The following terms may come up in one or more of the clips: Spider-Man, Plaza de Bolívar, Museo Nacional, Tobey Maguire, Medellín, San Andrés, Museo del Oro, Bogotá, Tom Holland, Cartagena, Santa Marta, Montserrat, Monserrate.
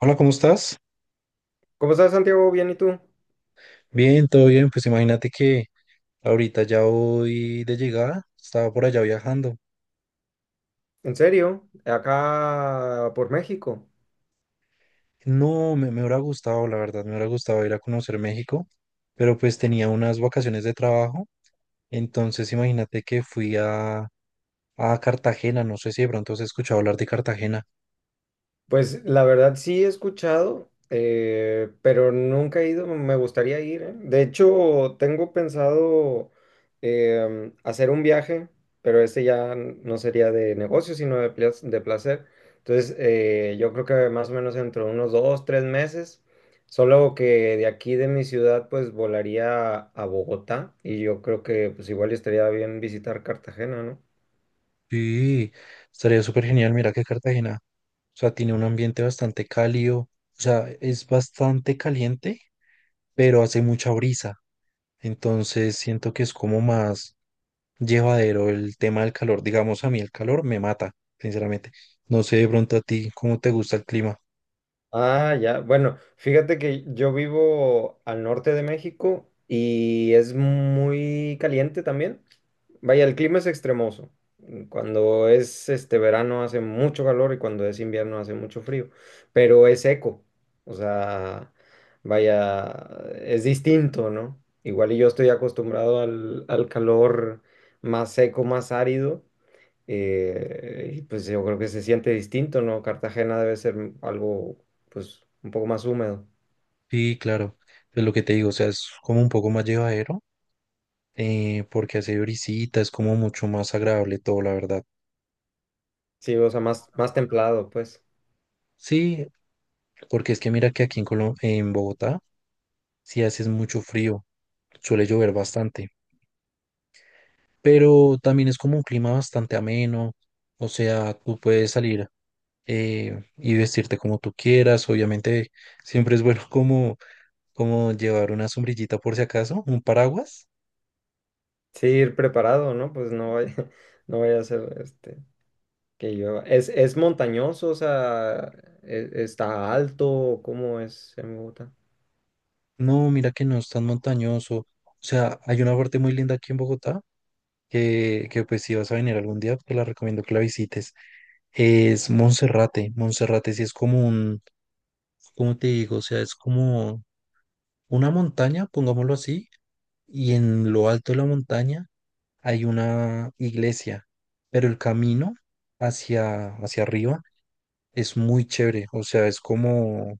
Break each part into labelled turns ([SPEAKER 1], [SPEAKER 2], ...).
[SPEAKER 1] Hola, ¿cómo estás?
[SPEAKER 2] ¿Cómo estás, Santiago? Bien, ¿y tú?
[SPEAKER 1] Bien, todo bien. Pues imagínate que ahorita ya voy de llegada, estaba por allá viajando.
[SPEAKER 2] ¿En serio? Acá por México.
[SPEAKER 1] No, me hubiera gustado, la verdad, me hubiera gustado ir a conocer México, pero pues tenía unas vacaciones de trabajo. Entonces imagínate que a Cartagena, no sé si de pronto has escuchado hablar de Cartagena.
[SPEAKER 2] Pues la verdad sí he escuchado, pero nunca he ido, me gustaría ir, ¿eh? De hecho, tengo pensado hacer un viaje, pero este ya no sería de negocio, sino de, de placer. Entonces, yo creo que más o menos dentro de unos dos, tres meses, solo que de aquí de mi ciudad, pues volaría a Bogotá y yo creo que pues igual estaría bien visitar Cartagena, ¿no?
[SPEAKER 1] Sí, estaría súper genial, mira que Cartagena. O sea, tiene un ambiente bastante cálido. O sea, es bastante caliente, pero hace mucha brisa. Entonces siento que es como más llevadero el tema del calor. Digamos, a mí el calor me mata, sinceramente. No sé de pronto a ti cómo te gusta el clima.
[SPEAKER 2] Ah, ya. Bueno, fíjate que yo vivo al norte de México y es muy caliente también. Vaya, el clima es extremoso. Cuando es este verano hace mucho calor y cuando es invierno hace mucho frío, pero es seco. O sea, vaya, es distinto, ¿no? Igual y yo estoy acostumbrado al calor más seco, más árido. Y pues yo creo que se siente distinto, ¿no? Cartagena debe ser algo, pues, un poco más húmedo.
[SPEAKER 1] Sí, claro, es lo que te digo, o sea, es como un poco más llevadero, porque hace brisita, es como mucho más agradable todo, la verdad.
[SPEAKER 2] Sí, o sea, más templado, pues.
[SPEAKER 1] Sí, porque es que mira que aquí en Colo- en Bogotá, sí haces mucho frío, suele llover bastante, pero también es como un clima bastante ameno, o sea, tú puedes salir y vestirte como tú quieras, obviamente siempre es bueno como llevar una sombrillita por si acaso, un paraguas.
[SPEAKER 2] Sí, ir preparado, ¿no? Pues no vaya, no vaya a ser este, que yo es montañoso? O sea, ¿está alto? ¿Cómo es en Bogotá?
[SPEAKER 1] No, mira que no es tan montañoso. O sea, hay una parte muy linda aquí en Bogotá que pues si vas a venir algún día, te la recomiendo que la visites. Es Monserrate. Monserrate sí es como un, ¿cómo te digo? O sea, es como una montaña, pongámoslo así, y en lo alto de la montaña hay una iglesia, pero el camino hacia arriba es muy chévere. O sea, es como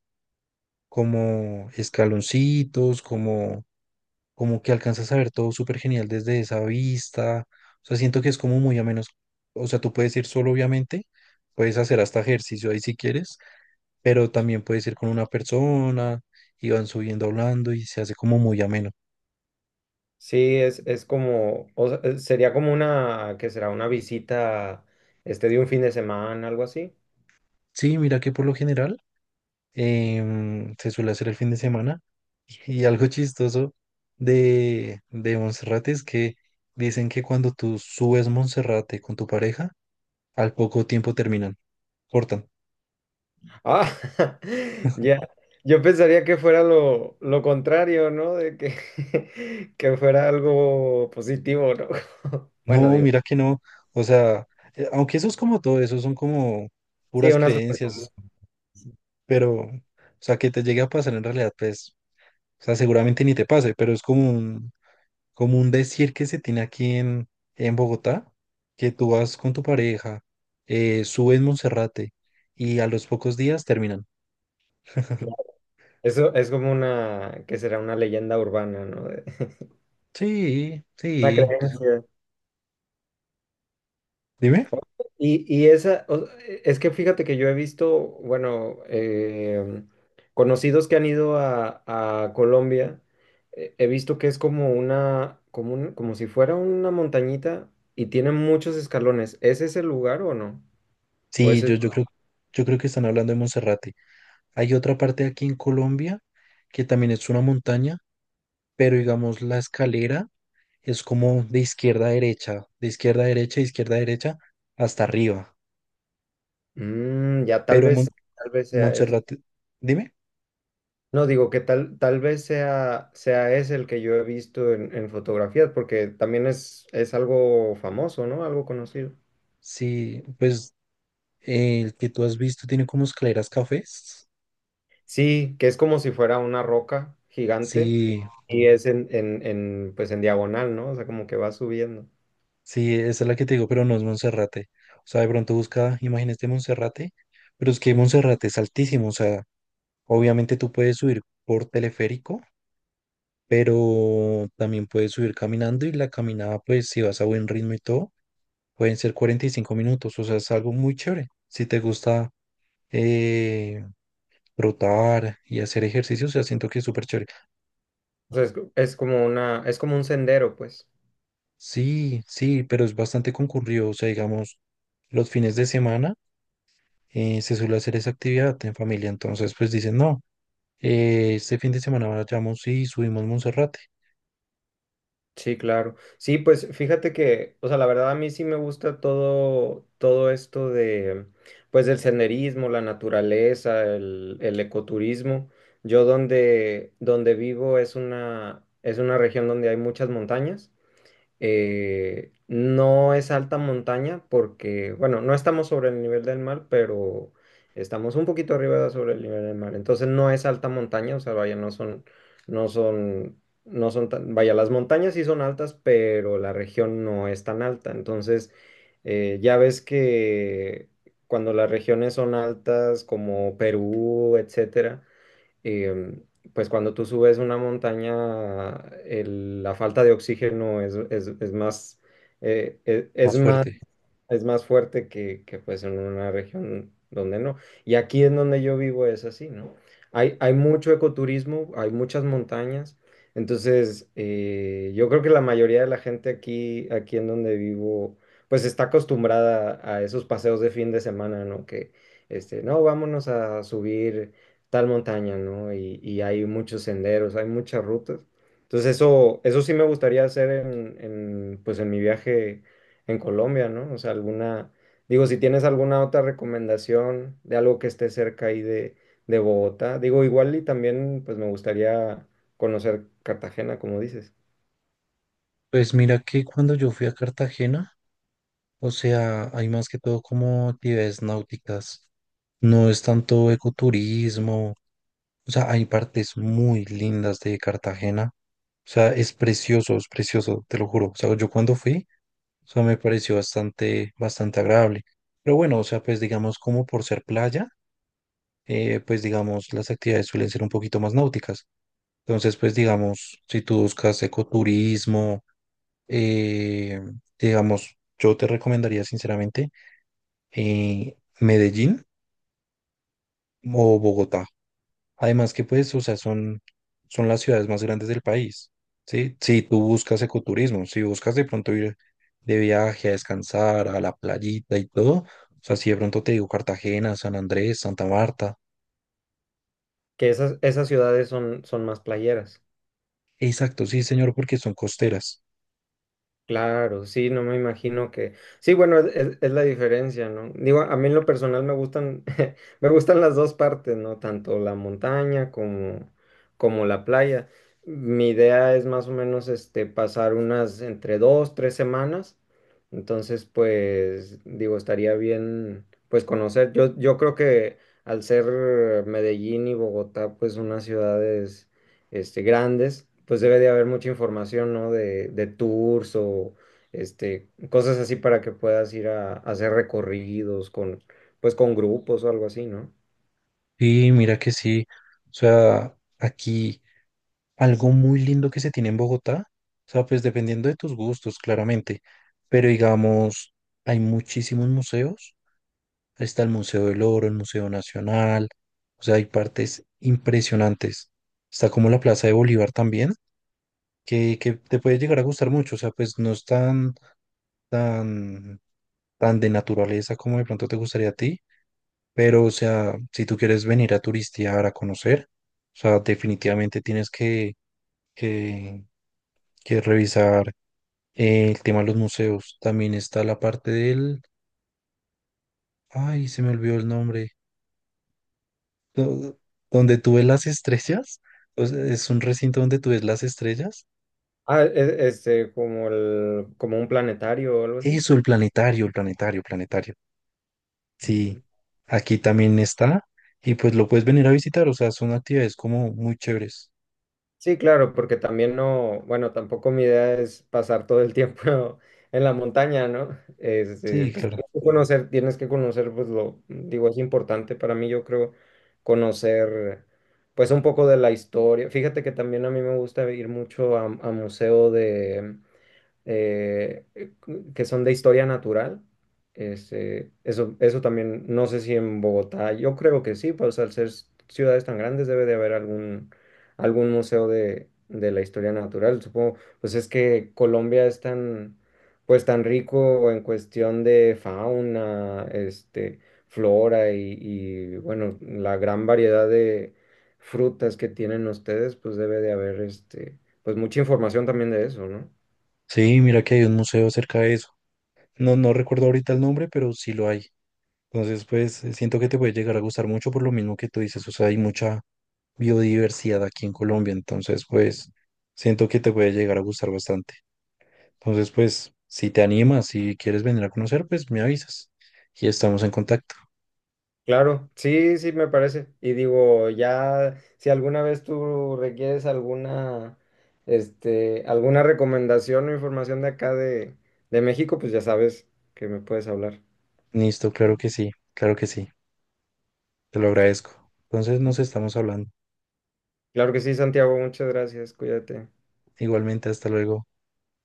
[SPEAKER 1] como escaloncitos, como, como que alcanzas a ver todo súper genial desde esa vista. O sea, siento que es como muy a menos. O sea, tú puedes ir solo, obviamente, puedes hacer hasta ejercicio ahí si quieres, pero también puedes ir con una persona y van subiendo hablando y se hace como muy ameno.
[SPEAKER 2] Sí, es como, o sea, sería como una, que será una visita, este, de un fin de semana, algo así.
[SPEAKER 1] Sí, mira que por lo general se suele hacer el fin de semana y algo chistoso de Monserrate es que dicen que cuando tú subes Monserrate con tu pareja, al poco tiempo terminan, cortan.
[SPEAKER 2] Ah, ya. Yo pensaría que fuera lo contrario, ¿no? De que, que fuera algo positivo, ¿no? Bueno,
[SPEAKER 1] No,
[SPEAKER 2] digo,
[SPEAKER 1] mira que no. O sea, aunque eso es como todo, eso son como
[SPEAKER 2] sí,
[SPEAKER 1] puras
[SPEAKER 2] una super.
[SPEAKER 1] creencias, pero, o sea, que te llegue a pasar en realidad, pues, o sea, seguramente ni te pase, pero es como un decir que se tiene aquí en Bogotá, que tú vas con tu pareja, subes Monserrate y a los pocos días terminan.
[SPEAKER 2] Eso es como una, que será una leyenda urbana, ¿no? De-
[SPEAKER 1] Sí,
[SPEAKER 2] una
[SPEAKER 1] sí.
[SPEAKER 2] creencia.
[SPEAKER 1] Dime.
[SPEAKER 2] Y esa, o- es que fíjate que yo he visto, bueno, conocidos que han ido a Colombia, he visto que es como una, como como si fuera una montañita y tiene muchos escalones. ¿Es ese el lugar o no? ¿O
[SPEAKER 1] Sí,
[SPEAKER 2] es ese-
[SPEAKER 1] yo creo que están hablando de Monserrate. Hay otra parte aquí en Colombia que también es una montaña, pero digamos la escalera es como de izquierda a derecha, de izquierda a derecha, de izquierda a derecha, hasta arriba.
[SPEAKER 2] Mm, ya
[SPEAKER 1] Pero Mon-
[SPEAKER 2] tal vez sea ese.
[SPEAKER 1] Montserrat, dime,
[SPEAKER 2] No, digo que tal vez sea, sea ese el que yo he visto en fotografías, porque también es algo famoso, ¿no? Algo conocido.
[SPEAKER 1] si pues el que tú has visto tiene como escaleras cafés.
[SPEAKER 2] Sí, que es como si fuera una roca gigante
[SPEAKER 1] Sí,
[SPEAKER 2] y es en, pues en diagonal, ¿no? O sea, como que va subiendo.
[SPEAKER 1] sí, esa es la que te digo, pero no es Monserrate. O sea, de pronto busca imágenes de Monserrate, pero es que Monserrate es altísimo, o sea, obviamente tú puedes subir por teleférico pero también puedes subir caminando y la caminada, pues si vas a buen ritmo y todo, pueden ser 45 minutos, o sea, es algo muy chévere. Si te gusta eh, trotar y hacer ejercicio, o sea, siento que es súper chévere.
[SPEAKER 2] O sea, es como una, es como un sendero, pues.
[SPEAKER 1] Sí, sí, pero es bastante concurrido, o sea, digamos, los fines de semana se suele hacer esa actividad en familia, entonces pues dicen, no, este fin de semana vayamos y subimos Monserrate,
[SPEAKER 2] Sí, claro. Sí, pues fíjate que, o sea, la verdad a mí sí me gusta todo esto de, pues del senderismo, la naturaleza, el ecoturismo. Yo donde vivo es una región donde hay muchas montañas. No es alta montaña porque, bueno, no estamos sobre el nivel del mar, pero estamos un poquito arriba de sobre el nivel del mar. Entonces no es alta montaña, o sea, vaya, no son, no son tan, vaya, las montañas sí son altas, pero la región no es tan alta. Entonces, ya ves que cuando las regiones son altas, como Perú, etcétera, eh, pues cuando tú subes una montaña, la falta de oxígeno es, es más, es
[SPEAKER 1] más
[SPEAKER 2] más
[SPEAKER 1] fuerte.
[SPEAKER 2] es más fuerte que, pues en una región donde no. Y aquí en donde yo vivo es así, ¿no? Hay mucho ecoturismo, hay muchas montañas, entonces yo creo que la mayoría de la gente aquí en donde vivo, pues está acostumbrada a esos paseos de fin de semana, ¿no? Que, este, no, vámonos a subir tal montaña, ¿no? Y hay muchos senderos, hay muchas rutas. Entonces eso sí me gustaría hacer pues en mi viaje en Colombia, ¿no? O sea, alguna, digo, si tienes alguna otra recomendación de algo que esté cerca ahí de Bogotá, digo, igual y también, pues me gustaría conocer Cartagena, como dices,
[SPEAKER 1] Pues mira que cuando yo fui a Cartagena, o sea, hay más que todo como actividades náuticas. No es tanto ecoturismo. O sea, hay partes muy lindas de Cartagena. O sea, es precioso, te lo juro. O sea, yo cuando fui, o sea, me pareció bastante, bastante agradable. Pero bueno, o sea, pues digamos como por ser playa, pues digamos las actividades suelen ser un poquito más náuticas. Entonces, pues digamos, si tú buscas ecoturismo, eh, digamos, yo te recomendaría sinceramente Medellín o Bogotá. Además que pues, o sea, son las ciudades más grandes del país, ¿sí? Si tú buscas ecoturismo, si buscas de pronto ir de viaje a descansar a la playita y todo, o sea, si de pronto te digo Cartagena, San Andrés, Santa Marta.
[SPEAKER 2] que esas, esas ciudades son, son más playeras.
[SPEAKER 1] Exacto, sí, señor, porque son costeras.
[SPEAKER 2] Claro, sí, no me imagino que. Sí, bueno, es, es la diferencia, ¿no? Digo, a mí en lo personal me gustan, me gustan las dos partes, ¿no? Tanto la montaña como, como la playa. Mi idea es más o menos este, pasar unas entre dos, tres semanas. Entonces, pues, digo, estaría bien, pues, conocer. Yo creo que al ser Medellín y Bogotá, pues, unas ciudades este, grandes, pues debe de haber mucha información, ¿no? De tours o este, cosas así para que puedas ir a hacer recorridos con, pues con grupos o algo así, ¿no?
[SPEAKER 1] Y mira que sí, o sea, aquí algo muy lindo que se tiene en Bogotá, o sea, pues dependiendo de tus gustos, claramente, pero digamos, hay muchísimos museos está el Museo del Oro, el Museo Nacional, o sea, hay partes impresionantes. Está como la Plaza de Bolívar también, que te puede llegar a gustar mucho, o sea, pues no es tan, tan, tan de naturaleza como de pronto te gustaría a ti, pero, o sea, si tú quieres venir a turistear, a conocer, o sea, definitivamente tienes que, que revisar el tema de los museos. También está la parte del, ay, se me olvidó el nombre do- donde tú ves las estrellas, o sea, es un recinto donde tú ves las estrellas.
[SPEAKER 2] Ah, este, como el, como un planetario o algo así.
[SPEAKER 1] Eso, el planetario, planetario. Sí, aquí también está y pues lo puedes venir a visitar, o sea, son actividades como muy chéveres.
[SPEAKER 2] Sí, claro, porque también no, bueno, tampoco mi idea es pasar todo el tiempo en la montaña, ¿no? Este,
[SPEAKER 1] Sí,
[SPEAKER 2] pues
[SPEAKER 1] claro.
[SPEAKER 2] tienes que conocer, pues lo, digo, es importante para mí, yo creo, conocer, pues un poco de la historia. Fíjate que también a mí me gusta ir mucho a museo eh, que son de historia natural. Este, eso también, no sé si en Bogotá, yo creo que sí, pues al ser ciudades tan grandes debe de haber algún, algún museo de la historia natural. Supongo, pues es que Colombia es tan, pues tan rico en cuestión de fauna, este, flora y bueno, la gran variedad de frutas que tienen ustedes, pues debe de haber este, pues mucha información también de eso, ¿no?
[SPEAKER 1] Sí, mira que hay un museo cerca de eso. No, no recuerdo ahorita el nombre, pero sí lo hay. Entonces, pues siento que te puede llegar a gustar mucho por lo mismo que tú dices, o sea, hay mucha biodiversidad aquí en Colombia, entonces, pues siento que te puede llegar a gustar bastante. Entonces, pues, si te animas, si quieres venir a conocer, pues me avisas y estamos en contacto.
[SPEAKER 2] Claro, sí, sí, me parece. Y digo, ya, si alguna vez tú requieres alguna, este, alguna recomendación o información de acá de México, pues ya sabes que me puedes hablar.
[SPEAKER 1] Listo, claro que sí, te lo agradezco. Entonces, nos estamos hablando.
[SPEAKER 2] Claro que sí, Santiago, muchas gracias, cuídate.
[SPEAKER 1] Igualmente, hasta luego.